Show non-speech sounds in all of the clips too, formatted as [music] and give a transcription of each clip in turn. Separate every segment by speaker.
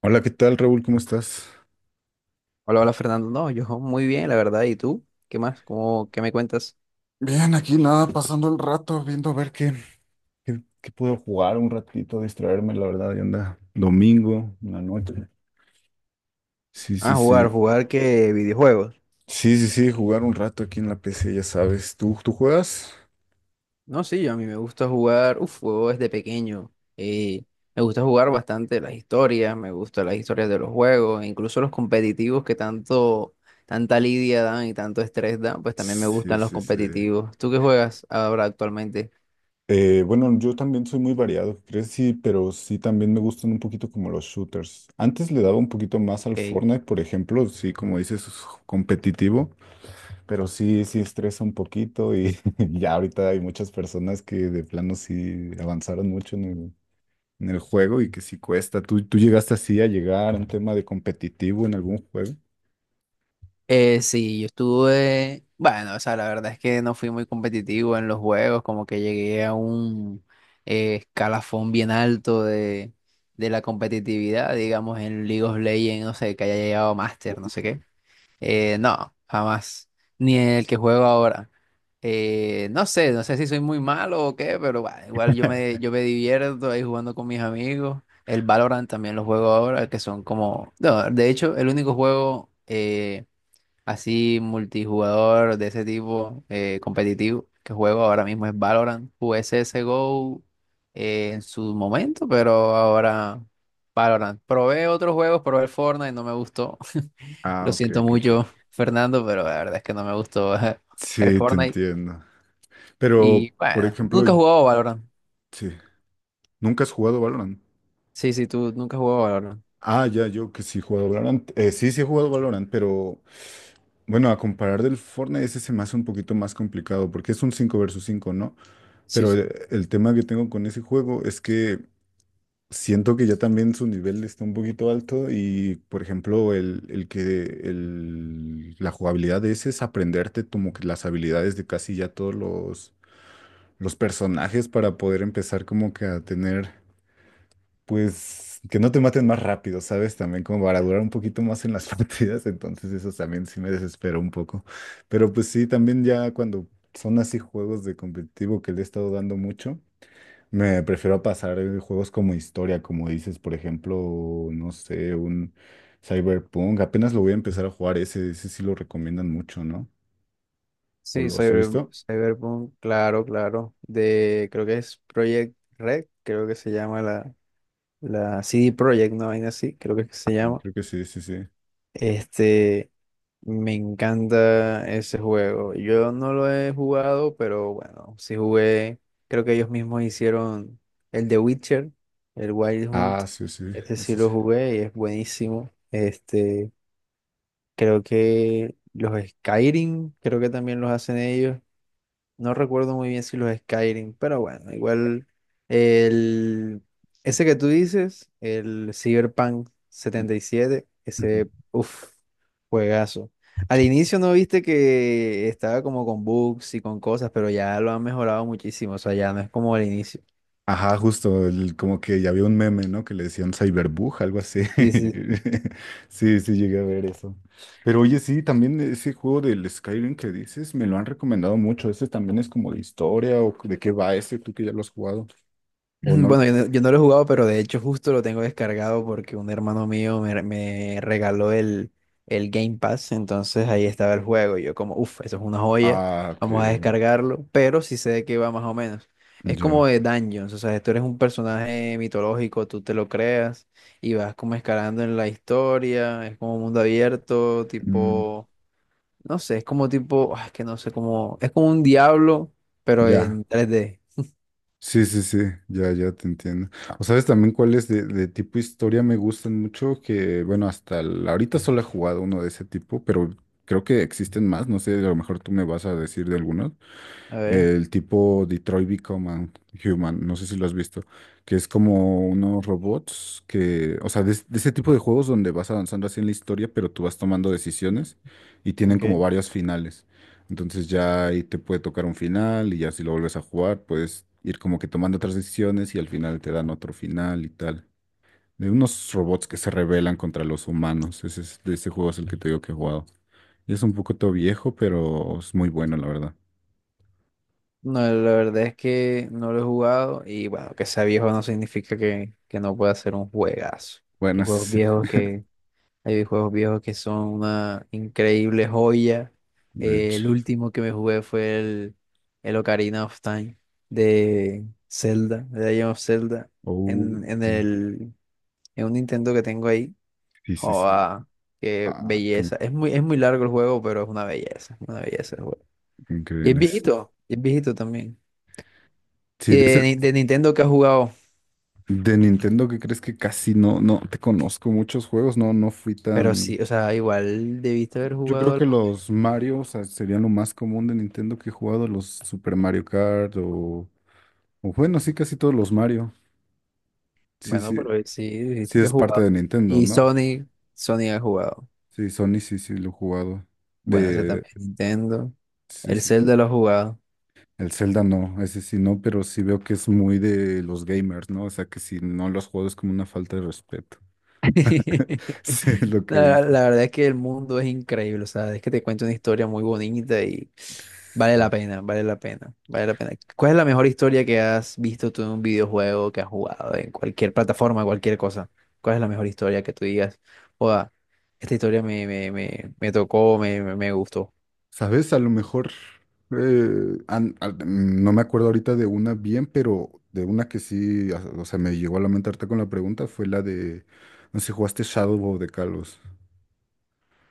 Speaker 1: Hola, ¿qué tal, Raúl? ¿Cómo estás?
Speaker 2: Hola, hola Fernando. No, yo muy bien, la verdad. ¿Y tú? ¿Qué más? ¿Cómo, qué me cuentas?
Speaker 1: Bien, aquí nada, pasando el rato, viendo a ver qué. ¿Qué puedo jugar un ratito, distraerme, la verdad, ya anda domingo, una noche. Sí,
Speaker 2: Ah,
Speaker 1: sí, sí.
Speaker 2: jugar, jugar qué videojuegos.
Speaker 1: Sí, sí, sí, jugar un rato aquí en la PC, ya sabes. ¿Tú juegas?
Speaker 2: No, sí, yo a mí me gusta jugar, uf, juego desde pequeño. eh, Me gusta jugar bastante las historias, me gustan las historias de los juegos, incluso los competitivos que tanto, tanta lidia dan y tanto estrés dan, pues también me
Speaker 1: Sí,
Speaker 2: gustan los
Speaker 1: sí, sí.
Speaker 2: competitivos. ¿Tú qué juegas ahora actualmente?
Speaker 1: Bueno, yo también soy muy variado, ¿crees? Sí, pero sí también me gustan un poquito como los shooters. Antes le daba un poquito más al
Speaker 2: Ok.
Speaker 1: Fortnite, por ejemplo, sí, como dices, competitivo. Pero sí, sí estresa un poquito y [laughs] ya ahorita hay muchas personas que de plano sí avanzaron mucho en el juego y que sí cuesta. ¿Tú llegaste así a llegar a un tema de competitivo en algún juego?
Speaker 2: Sí, yo estuve, bueno, o sea, la verdad es que no fui muy competitivo en los juegos, como que llegué a un escalafón bien alto de la competitividad, digamos, en League of Legends, no sé, que haya llegado a Master, no sé qué. No, jamás, ni en el que juego ahora. No sé, no sé si soy muy malo o qué, pero bah, igual
Speaker 1: [laughs]
Speaker 2: yo me divierto ahí jugando con mis amigos. El Valorant también lo juego ahora, que son como, no, de hecho, el único juego... así multijugador de ese tipo competitivo que juego ahora mismo es Valorant. Jugué CSGO en su momento, pero ahora Valorant. Probé otros juegos, probé el Fortnite, no me gustó. [laughs] Lo
Speaker 1: Ah, ok,
Speaker 2: siento
Speaker 1: ok, ok.
Speaker 2: mucho, Fernando, pero la verdad es que no me gustó [laughs] el
Speaker 1: Sí, te
Speaker 2: Fortnite.
Speaker 1: entiendo. Pero,
Speaker 2: Y
Speaker 1: por
Speaker 2: bueno,
Speaker 1: ejemplo,
Speaker 2: nunca he jugado Valorant.
Speaker 1: sí, ¿nunca has jugado Valorant?
Speaker 2: Sí, sí, tú nunca has jugado Valorant.
Speaker 1: Ah, ya, yo que sí he jugado Valorant. Sí, sí he jugado Valorant, pero bueno, a comparar del Fortnite, ese se me hace un poquito más complicado porque es un 5 versus cinco, ¿no?
Speaker 2: Sí,
Speaker 1: Pero
Speaker 2: sí.
Speaker 1: el tema que tengo con ese juego es que siento que ya también su nivel está un poquito alto y, por ejemplo, la jugabilidad de ese es aprenderte como que las habilidades de casi ya todos los personajes para poder empezar como que a tener, pues, que no te maten más rápido, ¿sabes? También como para durar un poquito más en las [laughs] partidas, entonces eso también sí me desesperó un poco. Pero pues sí, también ya cuando son así juegos de competitivo que le he estado dando mucho. Me prefiero pasar juegos como historia, como dices, por ejemplo, no sé, un Cyberpunk. Apenas lo voy a empezar a jugar ese, ese sí lo recomiendan mucho, ¿no? ¿O
Speaker 2: Sí,
Speaker 1: lo has visto?
Speaker 2: Cyberpunk, claro, claro. De, creo que es Project Red, creo que se llama la CD Projekt, una vaina así, creo que es que se llama.
Speaker 1: Creo que sí, sí, sí.
Speaker 2: Este, me encanta ese juego. Yo no lo he jugado, pero bueno, sí jugué. Creo que ellos mismos hicieron el de Witcher, el Wild Hunt.
Speaker 1: Ah, sí, sí,
Speaker 2: Este sí
Speaker 1: ese sí.
Speaker 2: lo jugué y es buenísimo. Este, creo que los Skyrim, creo que también los hacen ellos. No recuerdo muy bien si los Skyrim, pero bueno, igual el ese que tú dices, el Cyberpunk 77, ese
Speaker 1: Ujú.
Speaker 2: uff, juegazo. Al inicio no viste que estaba como con bugs y con cosas, pero ya lo han mejorado muchísimo, o sea, ya no es como al inicio.
Speaker 1: Ajá, justo, como que ya había un meme, ¿no? Que le decían Cyberbug, algo así.
Speaker 2: Sí, sí.
Speaker 1: [laughs] Sí, sí, llegué a ver eso. Pero oye, sí, también ese juego del Skyrim que dices, me lo han recomendado mucho. Ese también es como de historia o de qué va ese, tú que ya lo has jugado.
Speaker 2: [clears throat]
Speaker 1: ¿O no?
Speaker 2: Bueno, yo no lo he jugado, pero de hecho justo lo tengo descargado porque un hermano mío me regaló el Game Pass, entonces ahí estaba el juego y yo como, uff, eso es una joya,
Speaker 1: Ah, ok,
Speaker 2: vamos a descargarlo, pero sí sé de qué va más o menos. Es como
Speaker 1: ya.
Speaker 2: de Dungeons, o sea, tú eres un personaje mitológico, tú te lo creas y vas como escalando en la historia, es como mundo abierto,
Speaker 1: Mm,
Speaker 2: tipo, no sé, es como tipo, ah, es que no sé cómo, es como un diablo, pero
Speaker 1: ya.
Speaker 2: en 3D.
Speaker 1: Sí, sí, sí, ya, ya te entiendo. O sabes también cuáles de tipo historia me gustan mucho, que bueno, ahorita solo he jugado uno de ese tipo, pero creo que existen más, no sé, a lo mejor tú me vas a decir de algunos.
Speaker 2: A ver.
Speaker 1: El tipo Detroit Become a Human, no sé si lo has visto, que es como unos robots que, o sea, de ese tipo de juegos donde vas avanzando así en la historia, pero tú vas tomando decisiones y tienen como
Speaker 2: Ok.
Speaker 1: varios finales. Entonces ya ahí te puede tocar un final y ya si lo vuelves a jugar, puedes ir como que tomando otras decisiones y al final te dan otro final y tal. De unos robots que se rebelan contra los humanos. Ese es, de ese juego es el que te digo que he jugado. Es un poco todo viejo, pero es muy bueno, la verdad.
Speaker 2: No, la verdad es que no lo he jugado y bueno, que sea viejo no significa que no pueda ser un juegazo. Hay juegos
Speaker 1: Buenas,
Speaker 2: viejos que, hay juegos viejos que son una increíble joya.
Speaker 1: [laughs] de hecho.
Speaker 2: El último que me jugué fue el Ocarina of Time de Zelda, de Legend of Zelda,
Speaker 1: Oh,
Speaker 2: en, en
Speaker 1: ok.
Speaker 2: el, en un Nintendo que tengo ahí.
Speaker 1: Sí, sí, sí.
Speaker 2: Joda, qué
Speaker 1: Ah, qué
Speaker 2: belleza. Es muy largo el juego, pero es una belleza el juego.
Speaker 1: increíbles.
Speaker 2: Y es viejito también. Y
Speaker 1: Sí, de, ese-
Speaker 2: de, Ni- De Nintendo que has jugado.
Speaker 1: de Nintendo, ¿qué crees que casi no, no te conozco muchos juegos? No, no fui
Speaker 2: Pero
Speaker 1: tan.
Speaker 2: sí, o sea, igual debiste haber
Speaker 1: Yo
Speaker 2: jugado
Speaker 1: creo que
Speaker 2: algo.
Speaker 1: los Mario, o sea, serían lo más común de Nintendo que he jugado, los Super Mario Kart o bueno, sí, casi todos los Mario. Sí,
Speaker 2: Bueno,
Speaker 1: sí,
Speaker 2: pero sí, dijiste
Speaker 1: sí
Speaker 2: que has
Speaker 1: es parte
Speaker 2: jugado.
Speaker 1: de Nintendo,
Speaker 2: Y
Speaker 1: ¿no?
Speaker 2: Sony, Sony ha jugado.
Speaker 1: Sí, Sony, sí, sí, lo he jugado.
Speaker 2: Bueno, ese
Speaker 1: De,
Speaker 2: también, Nintendo.
Speaker 1: sí,
Speaker 2: El
Speaker 1: sí, sí.
Speaker 2: Zelda lo ha jugado.
Speaker 1: El Zelda no, ese sí no, pero sí veo que es muy de los gamers, ¿no? O sea, que si no los juego es como una falta de respeto. [laughs]
Speaker 2: [laughs]
Speaker 1: Sí, es lo que he
Speaker 2: La,
Speaker 1: visto.
Speaker 2: la verdad es que el mundo es increíble, o sea, es que te cuento una historia muy bonita y vale la
Speaker 1: Sí.
Speaker 2: pena, vale la pena, vale la pena. ¿Cuál es la mejor historia que has visto tú en un videojuego, que has jugado en cualquier plataforma, cualquier cosa? ¿Cuál es la mejor historia que tú digas? Oda, esta historia me tocó, me gustó.
Speaker 1: ¿Sabes? A lo mejor, no me acuerdo ahorita de una bien, pero de una que sí, o sea, me llegó a lamentarte con la pregunta, fue la de, no sé si jugaste Shadow of the Colossus.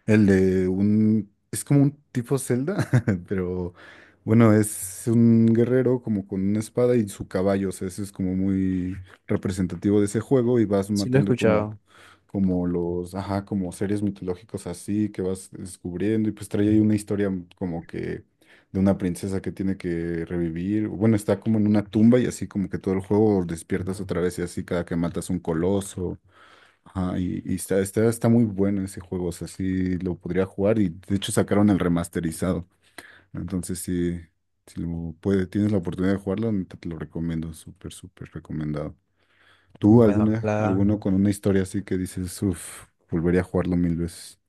Speaker 1: El de un... Es como un tipo Zelda, [laughs] pero bueno, es un guerrero como con una espada y su caballo. O sea, eso es como muy representativo de ese juego y vas
Speaker 2: Sí lo he
Speaker 1: matando como,
Speaker 2: escuchado.
Speaker 1: como los, ajá, como seres mitológicos así que vas descubriendo y pues trae ahí una historia como que de una princesa que tiene que revivir. Bueno, está como en una tumba y así como que todo el juego despiertas otra vez y así cada que matas un coloso. Ajá, y está muy bueno ese juego, o sea, sí lo podría jugar y de hecho sacaron el remasterizado. Entonces, sí, si lo puede, tienes la oportunidad de jugarlo, neta te lo recomiendo, súper, súper recomendado. ¿Tú
Speaker 2: Bueno,
Speaker 1: alguna,
Speaker 2: ojalá.
Speaker 1: alguno con una historia así que dices, uff, volvería a jugarlo mil veces?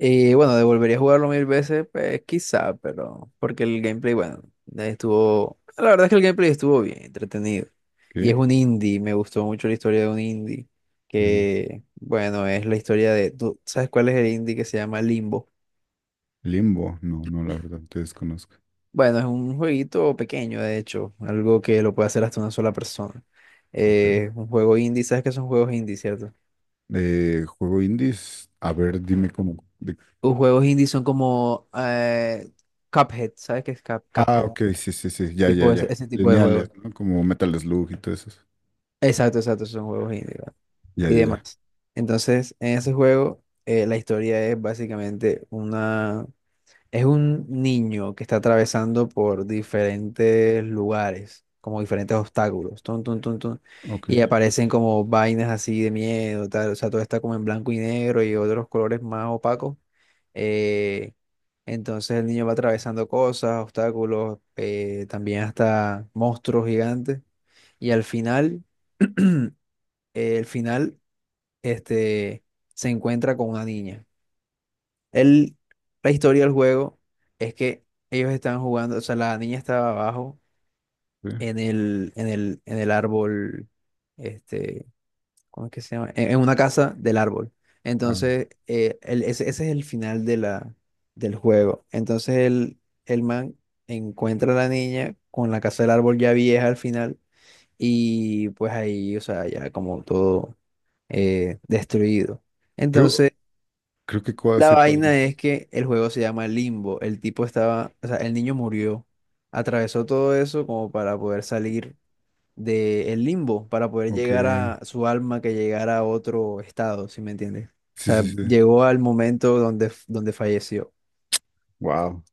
Speaker 2: Y bueno, devolvería a jugarlo mil veces, pues quizá, pero porque el gameplay, bueno, estuvo, la verdad es que el gameplay estuvo bien, entretenido. Y es
Speaker 1: ¿Qué?
Speaker 2: un indie, me gustó mucho la historia de un indie,
Speaker 1: Mm,
Speaker 2: que bueno, es la historia de, ¿tú sabes cuál es el indie que se llama Limbo?
Speaker 1: Limbo, no, no, la verdad, te desconozco.
Speaker 2: Bueno, es un jueguito pequeño, de hecho, algo que lo puede hacer hasta una sola persona.
Speaker 1: Ok.
Speaker 2: Un juego indie, ¿sabes qué son juegos indie, cierto?
Speaker 1: Juego indies, a ver, dime cómo.
Speaker 2: Los juegos indie son como Cuphead, ¿sabes qué es
Speaker 1: Ah,
Speaker 2: Cuphead?
Speaker 1: ok, sí, sí, sí, ya, ya,
Speaker 2: Tipo ese,
Speaker 1: ya.
Speaker 2: ese tipo de
Speaker 1: Lineales,
Speaker 2: juegos.
Speaker 1: ¿no? Como Metal Slug y todo eso.
Speaker 2: Exacto, exacto, son juegos indie, ¿verdad?
Speaker 1: Ya,
Speaker 2: Y
Speaker 1: ya, ya.
Speaker 2: demás. Entonces, en ese juego, la historia es básicamente una... Es un niño que está atravesando por diferentes lugares, como diferentes obstáculos, tun, tun, tun, tun,
Speaker 1: Ok,
Speaker 2: y aparecen como vainas así de miedo, tal, o sea, todo está como en blanco y negro y otros colores más opacos. eh, entonces el niño va atravesando cosas, obstáculos, también hasta monstruos gigantes, y al final... [clears throat] El final, este, se encuentra con una niña. Él, la historia del juego es que ellos estaban jugando, o sea, la niña estaba abajo
Speaker 1: sí.
Speaker 2: en el árbol, este, ¿cómo es que se llama? En una casa del árbol.
Speaker 1: Ah,
Speaker 2: Entonces, ese, ese es el final de la, del juego. Entonces, el man encuentra a la niña con la casa del árbol ya vieja al final y pues ahí, o sea, ya como todo destruido.
Speaker 1: creo,
Speaker 2: Entonces,
Speaker 1: creo que cuál
Speaker 2: la
Speaker 1: sé cuál
Speaker 2: vaina es
Speaker 1: dices.
Speaker 2: que el juego se llama Limbo. El tipo estaba, o sea, el niño murió, atravesó todo eso como para poder salir del limbo, para poder
Speaker 1: Ok,
Speaker 2: llegar a su alma que llegara a otro estado, ¿si me entiendes? O
Speaker 1: sí,
Speaker 2: sea,
Speaker 1: sí, sí.
Speaker 2: llegó al momento donde, donde falleció.
Speaker 1: Wow,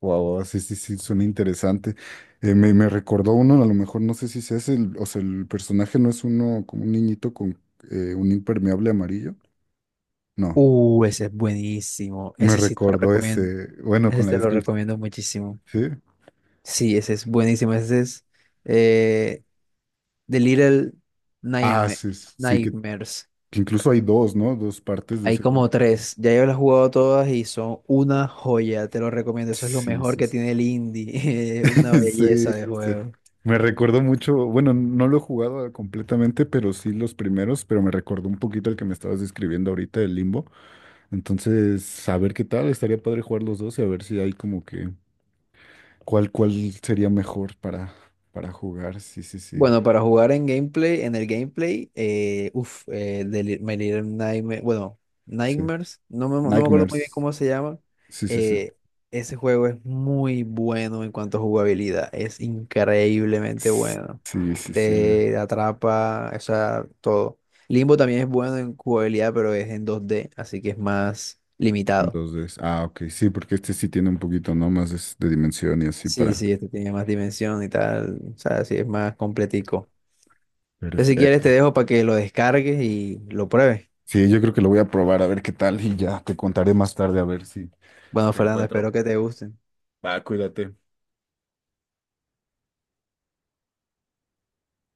Speaker 1: wow, sí, sí, sí, suena interesante. Me recordó uno, a lo mejor no sé si es el, o sea, el personaje no es uno como un niñito con un impermeable amarillo. No,
Speaker 2: Ese es buenísimo.
Speaker 1: me
Speaker 2: Ese sí te lo
Speaker 1: recordó
Speaker 2: recomiendo.
Speaker 1: ese, bueno,
Speaker 2: Ese
Speaker 1: con
Speaker 2: sí
Speaker 1: la
Speaker 2: te lo
Speaker 1: descripción,
Speaker 2: recomiendo muchísimo.
Speaker 1: sí.
Speaker 2: Sí, ese es buenísimo. Ese es. eh, The Little
Speaker 1: Ah,
Speaker 2: Nightma-
Speaker 1: sí, sí,
Speaker 2: Nightmares.
Speaker 1: que incluso hay dos, ¿no? Dos partes de
Speaker 2: Hay
Speaker 1: ese juego.
Speaker 2: como tres. Ya yo las he jugado todas y son una joya. Te lo recomiendo. Eso es lo
Speaker 1: Sí,
Speaker 2: mejor
Speaker 1: sí,
Speaker 2: que
Speaker 1: sí.
Speaker 2: tiene el indie. [laughs] Una
Speaker 1: [laughs] Sí,
Speaker 2: belleza de
Speaker 1: sí.
Speaker 2: juego.
Speaker 1: Me recuerdo mucho, bueno, no lo he jugado completamente, pero sí los primeros, pero me recordó un poquito el que me estabas describiendo ahorita, el Limbo. Entonces, a ver qué tal, estaría padre jugar los dos y a ver si hay como que cuál, cuál sería mejor para jugar. Sí, sí, sí,
Speaker 2: Bueno, para jugar en gameplay, en el gameplay, de My Little bueno,
Speaker 1: sí.
Speaker 2: Nightmares, no me acuerdo muy bien
Speaker 1: Nightmares.
Speaker 2: cómo se llama.
Speaker 1: Sí, sí, sí.
Speaker 2: eh, Ese juego es muy bueno en cuanto a jugabilidad, es increíblemente
Speaker 1: S-
Speaker 2: bueno.
Speaker 1: Sí, sí, sí. me-
Speaker 2: Te atrapa, o sea, todo. Limbo también es bueno en jugabilidad, pero es en 2D, así que es más limitado.
Speaker 1: Dos veces. Ah, ok, sí, porque este sí tiene un poquito, ¿no? Más de dimensión y así
Speaker 2: Sí,
Speaker 1: para...
Speaker 2: sí, este tiene más dimensión y tal, o sea, sí, es más completico. Entonces, si quieres, te
Speaker 1: Perfecto.
Speaker 2: dejo para que lo descargues y lo pruebes.
Speaker 1: Sí, yo creo que lo voy a probar a ver qué tal y ya te contaré más tarde a ver si, si
Speaker 2: Bueno,
Speaker 1: te
Speaker 2: Fernando,
Speaker 1: encuentro.
Speaker 2: espero que te gusten.
Speaker 1: Va, cuídate.